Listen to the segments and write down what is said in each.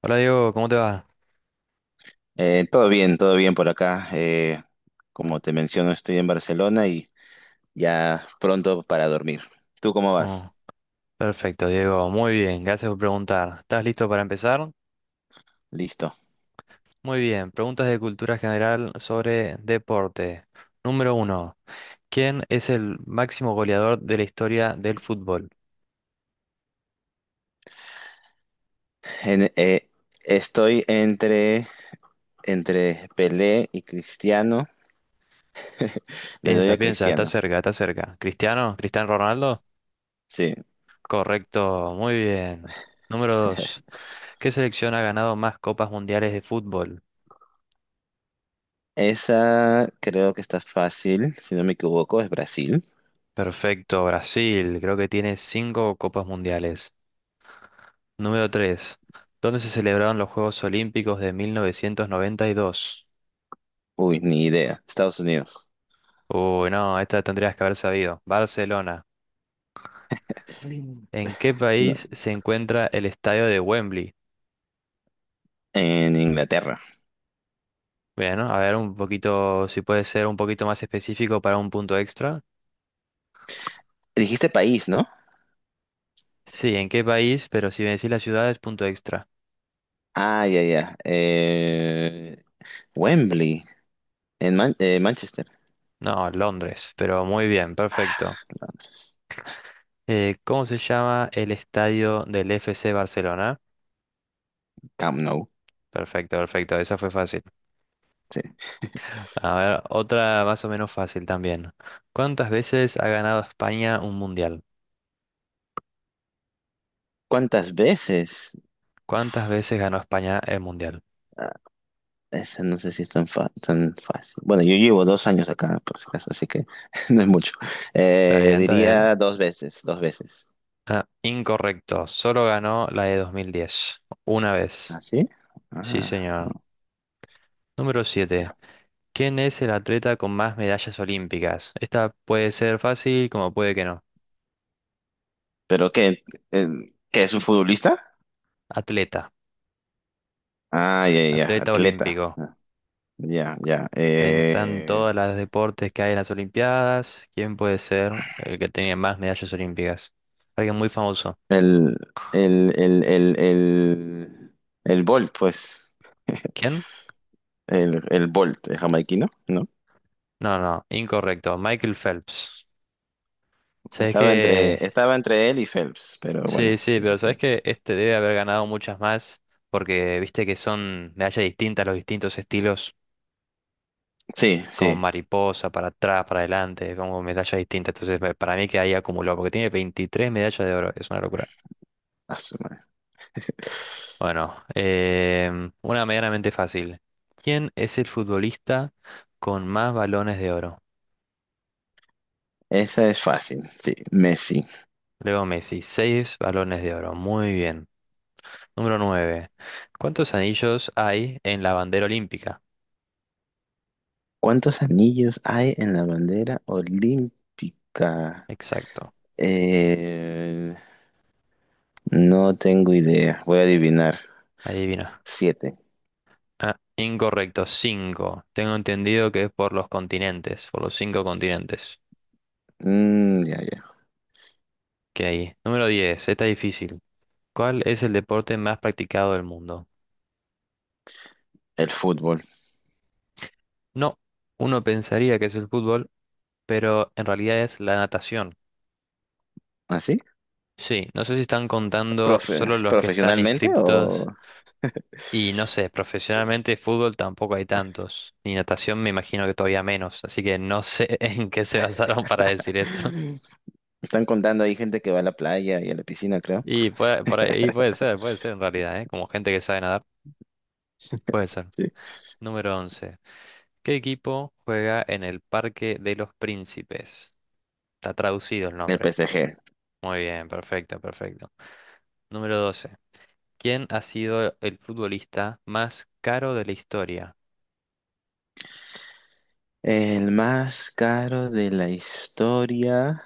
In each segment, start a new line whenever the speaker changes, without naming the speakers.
Hola Diego, ¿cómo te va?
Todo bien, todo bien por acá. Como te menciono, estoy en Barcelona y ya pronto para dormir. ¿Tú cómo
Oh,
vas?
perfecto, Diego, muy bien, gracias por preguntar. ¿Estás listo para empezar?
Listo.
Muy bien, preguntas de cultura general sobre deporte. Número uno, ¿quién es el máximo goleador de la historia del fútbol?
En- eh, estoy entre Pelé y Cristiano. Le doy
Piensa,
a
piensa, está
Cristiano.
cerca, está cerca. ¿Cristiano? ¿Cristiano Ronaldo?
Sí.
Correcto, muy bien. Número dos, ¿qué selección ha ganado más copas mundiales de fútbol?
Esa creo que está fácil, si no me equivoco, es Brasil.
Perfecto, Brasil, creo que tiene cinco copas mundiales. Número 3. ¿Dónde se celebraron los Juegos Olímpicos de 1992?
Uy, ni idea. Estados Unidos.
Uy, no, esta tendrías que haber sabido. Barcelona. ¿En qué
No.
país se encuentra el estadio de Wembley?
En Inglaterra.
Bueno, a ver un poquito, si puede ser un poquito más específico para un punto extra.
Dijiste país, ¿no?
Sí, ¿en qué país? Pero si me decís la ciudad es punto extra.
Ah, ya, ya. Wembley, en Manchester.
No, Londres, pero muy bien, perfecto. ¿Cómo se llama el estadio del FC Barcelona?
Camp Nou,
Perfecto, perfecto, esa fue fácil.
sí.
A ver, otra más o menos fácil también. ¿Cuántas veces ha ganado España un mundial?
¿Cuántas veces?
¿Cuántas veces ganó España el mundial?
Ah, esa no sé si es tan fácil. Bueno, yo llevo 2 años acá, por si acaso, así que no es mucho.
Está
Eh,
bien, está bien.
diría dos veces, dos veces.
Ah, incorrecto. Solo ganó la de 2010. Una vez.
¿Ah, sí?
Sí,
Ah,
señor. Número siete.
ya.
¿Quién es el atleta con más medallas olímpicas? Esta puede ser fácil como puede que no.
¿Pero qué? Eh, ¿qué es un futbolista?
Atleta.
Ah, ya, ya,
Atleta
atleta.
olímpico.
Ah, ya, ya.
Pensá en todos los deportes que hay en las Olimpiadas. ¿Quién puede ser el que tenía más medallas olímpicas? Alguien muy famoso.
El, el, el, el, el, el Bolt, pues.
¿Quién?
El Bolt, el jamaiquino, ¿no?
No, no, incorrecto. Michael Phelps. Sabes
Estaba
que.
entre, estaba entre él y Phelps, pero bueno,
Sí, sí,
sí,
pero
sí,
sabes
sí.
que este debe haber ganado muchas más. Porque viste que son medallas distintas, los distintos estilos.
Sí,
Como
sí.
mariposa, para atrás, para adelante, como medallas distintas. Entonces, para mí que ahí acumuló. Porque tiene 23 medallas de oro. Es una locura.
A su madre.
Bueno, una medianamente fácil. ¿Quién es el futbolista con más balones de oro?
Esa es fácil, sí. Messi.
Leo Messi, seis balones de oro. Muy bien. Número 9. ¿Cuántos anillos hay en la bandera olímpica?
¿Cuántos anillos hay en la bandera olímpica?
Exacto.
Eh, no tengo idea. Voy a adivinar.
Adivina.
Siete.
Ah, incorrecto. 5. Tengo entendido que es por los continentes, por los cinco continentes
Mm, ya, ya.
que hay. Número 10. Está difícil. ¿Cuál es el deporte más practicado del mundo?
El fútbol.
No. Uno pensaría que es el fútbol, pero en realidad es la natación.
¿Así?
Sí, no sé si están contando
¿Profe-
solo los que están
¿Profesionalmente o?
inscriptos. Y no sé, profesionalmente fútbol tampoco hay tantos. Y natación me imagino que todavía menos. Así que no sé en qué se basaron para decir esto.
Están contando ahí gente que va a la playa y a la piscina, creo.
Y puede, y puede ser en realidad, ¿eh? Como gente que sabe nadar, puede ser.
Sí.
Número once. ¿Qué equipo juega en el Parque de los Príncipes? Está traducido el
El
nombre.
PSG.
Muy bien, perfecto, perfecto. Número doce. ¿Quién ha sido el futbolista más caro de la historia?
El más caro de la historia,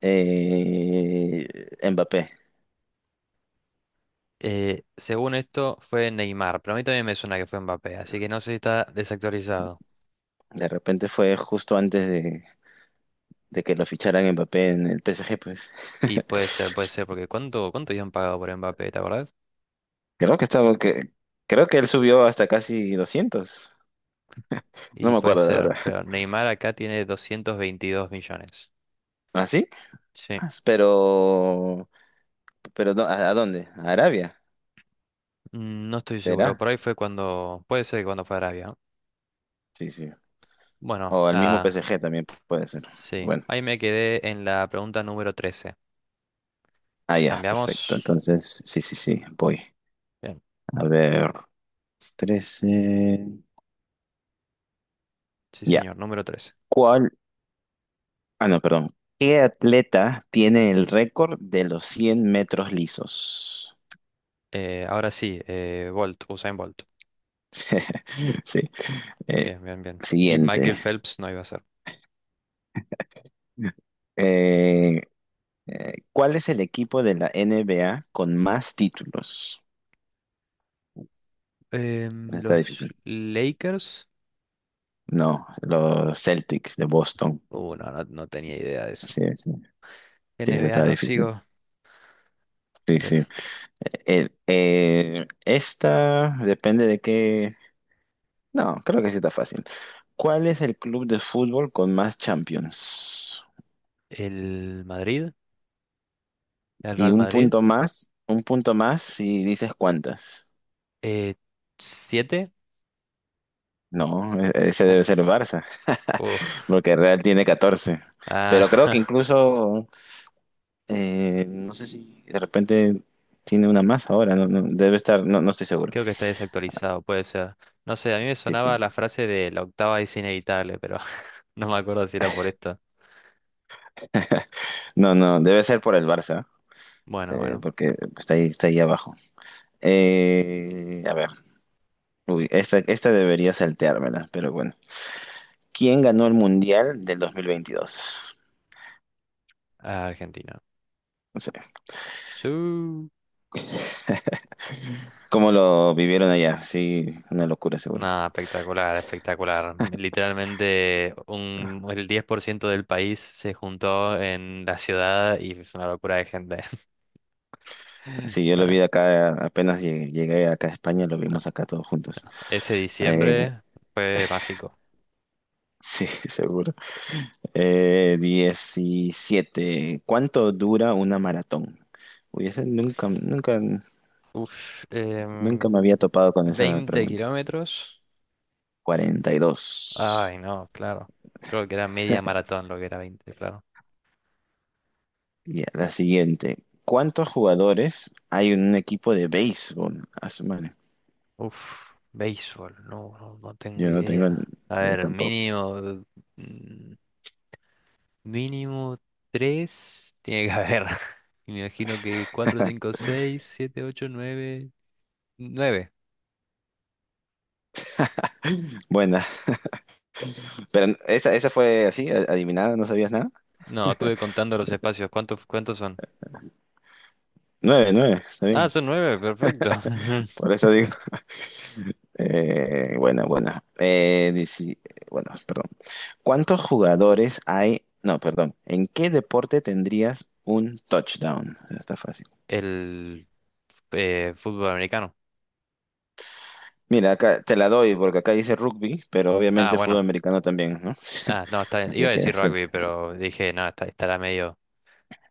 eh, Mbappé.
Según esto, fue Neymar, pero a mí también me suena que fue Mbappé, así que no sé si está desactualizado.
De repente fue justo antes de que lo ficharan Mbappé en el PSG, pues.
Y puede ser, porque ¿cuánto, cuánto habían pagado por Mbappé, te acordás?
Creo que estaba, que, creo que él subió hasta casi 200. No
Y
me
puede
acuerdo, la
ser,
verdad.
pero Neymar acá tiene 222 millones.
¿Ah, sí?
Sí.
Ah, pero no, ¿a dónde? ¿A Arabia?
Mm, no estoy seguro,
¿Será?
por ahí fue cuando, puede ser que cuando fue a Arabia, ¿no?
Sí, sí.
Bueno,
O al mismo
nada,
PSG también puede ser.
sí.
Bueno,
Ahí me quedé en la pregunta número 13.
ah, ya, perfecto.
¿Cambiamos?
Entonces, sí, sí, sí, voy.
Bien,
A ver. 13.
sí
Ya.
señor, número 13.
¿Cuál? Ah, no, perdón. ¿Qué atleta tiene el récord de los 100 metros lisos?
Ahora sí, Bolt, Usain Bolt.
Sí. Eh,
Bien, bien, bien. Y Michael
siguiente.
Phelps no iba a ser.
Eh, ¿cuál es el equipo de la NBA con más títulos? Esa está
Los
difícil.
Lakers.
No, los Celtics de Boston.
No, no, no tenía idea de eso.
Sí, sí. Sí, esa
NBA
está
no
difícil.
sigo.
Sí,
Eh,
sí. Esta depende de qué. No, creo que sí está fácil. ¿Cuál es el club de fútbol con más Champions?
El Madrid, el
Y
Real Madrid.
un punto más si dices cuántas.
Eh, ¿Siete?
No, ese debe ser el
Uf,
Barça,
uf.
porque Real tiene 14. Pero creo que
Ah,
incluso, no sé si de repente tiene una más ahora, no, no, debe estar, no, no estoy seguro.
creo que está desactualizado, puede ser. No sé, a mí me
Sí, sí.
sonaba la frase de la octava es inevitable, pero no me acuerdo si era por esto.
No, no, debe ser por el Barça,
Bueno, bueno.
porque está ahí abajo. A ver, uy, esta debería salteármela, pero bueno. ¿Quién ganó el Mundial del 2022?
Argentina.
No sé,
Sí.
¿cómo lo vivieron allá? Sí, una locura seguro.
Nada, espectacular, espectacular. Literalmente un, el 10 por ciento del país se juntó en la ciudad y es una locura de gente.
Sí, yo lo vi
Ah,
de acá, apenas llegué acá a España, lo
no.
vimos acá todos juntos.
Ese
Eh,
diciembre fue mágico.
sí, seguro. 17. ¿Cuánto dura una maratón? Uy, ese nunca, nunca,
Uf,
nunca me había
em,
topado con esa
20
pregunta.
kilómetros.
42.
Ay, no, claro. Creo que era media maratón lo que era 20, claro.
Y la siguiente. ¿Cuántos jugadores hay en un equipo de béisbol? A su madre.
Uf, béisbol, no, no, no tengo
Yo no tengo,
idea. A
yo
ver,
tampoco.
mínimo. Mínimo tres tiene que haber. Y me imagino que cuatro, cinco, seis, siete, ocho, nueve, nueve.
Buena. Pero esa fue así, adivinada, no sabías nada.
No, estuve contando los espacios. ¿Cuántos, cuántos son?
Nueve, nueve, está bien.
Ah, son nueve, perfecto.
Por eso digo. Buena, bueno. Eh, dieci- bueno, perdón. ¿Cuántos jugadores hay? No, perdón. ¿En qué deporte tendrías un touchdown? Está fácil.
El fútbol americano.
Mira, acá te la doy porque acá dice rugby, pero
Ah,
obviamente fútbol
bueno.
americano también, ¿no?
Ah, no, está bien.
Así
Iba a
que
decir
sí.
rugby, pero dije, no, estará medio,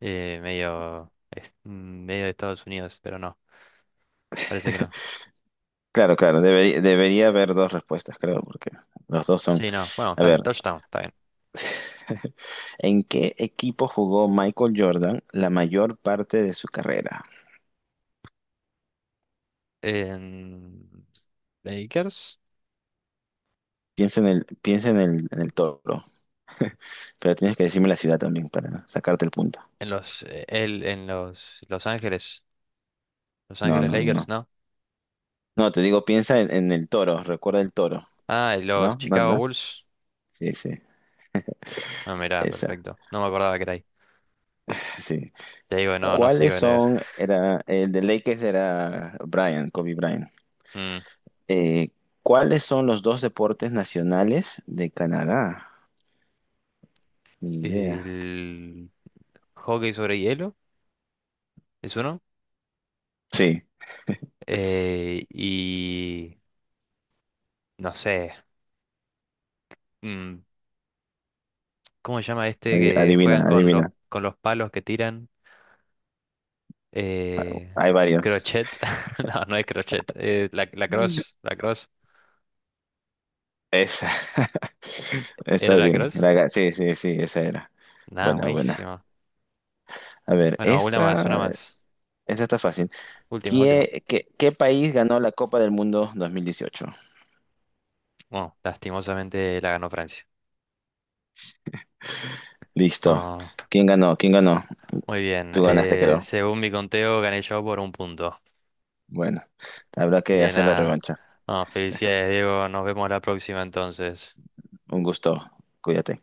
medio, medio de Estados Unidos, pero no, parece que no.
Claro, claro, debería haber dos respuestas, creo, porque los dos son.
Sí, no, bueno,
A
está
ver.
bien, touchdown, está bien.
¿En qué equipo jugó Michael Jordan la mayor parte de su carrera?
En- Lakers.
Piensa en el toro. Pero tienes que decirme la ciudad también para sacarte el punto.
En los, en los Los Ángeles, Los
No,
Ángeles
no, no.
Lakers,
No,
¿no?
no, te digo, piensa en el toro. Recuerda el toro.
Ah, y los
¿No? ¿No,
Chicago
no?
Bulls.
Sí, sí.
No, mirá,
Esa.
perfecto. No me acordaba que era ahí.
Sí.
Te digo, no, no
¿Cuáles
sigo en el...
son? Era, el de Lakers era Brian, Kobe Bryant.
Mm.
Eh, ¿cuáles son los dos deportes nacionales de Canadá? Ni idea.
El hockey sobre hielo es uno.
Sí.
Y no sé. mm, ¿Cómo se llama este que
Adivina,
juegan con
adivina.
los palos que tiran? Eh,
Hay varios.
crochet. No, no es crochet. La
Mm.
cross. La cross.
Esa.
¿Era
Está
la
bien.
cross?
Sí, sí, sí, esa era.
Nada,
Buena, buena.
buenísimo.
A ver,
Bueno, una más, una
esta,
más.
esta está fácil.
Última, última.
¿Qué país ganó la Copa del Mundo 2018?
Bueno, lastimosamente la ganó Francia.
Listo.
Ah,
¿Quién ganó? ¿Quién ganó?
muy bien.
Tú ganaste, creo.
Según mi conteo, gané yo por un punto.
Bueno, habrá que
Bien,
hacer la
nada.
revancha.
Ah, felicidades, Diego. Nos vemos la próxima entonces.
Un gusto. Cuídate.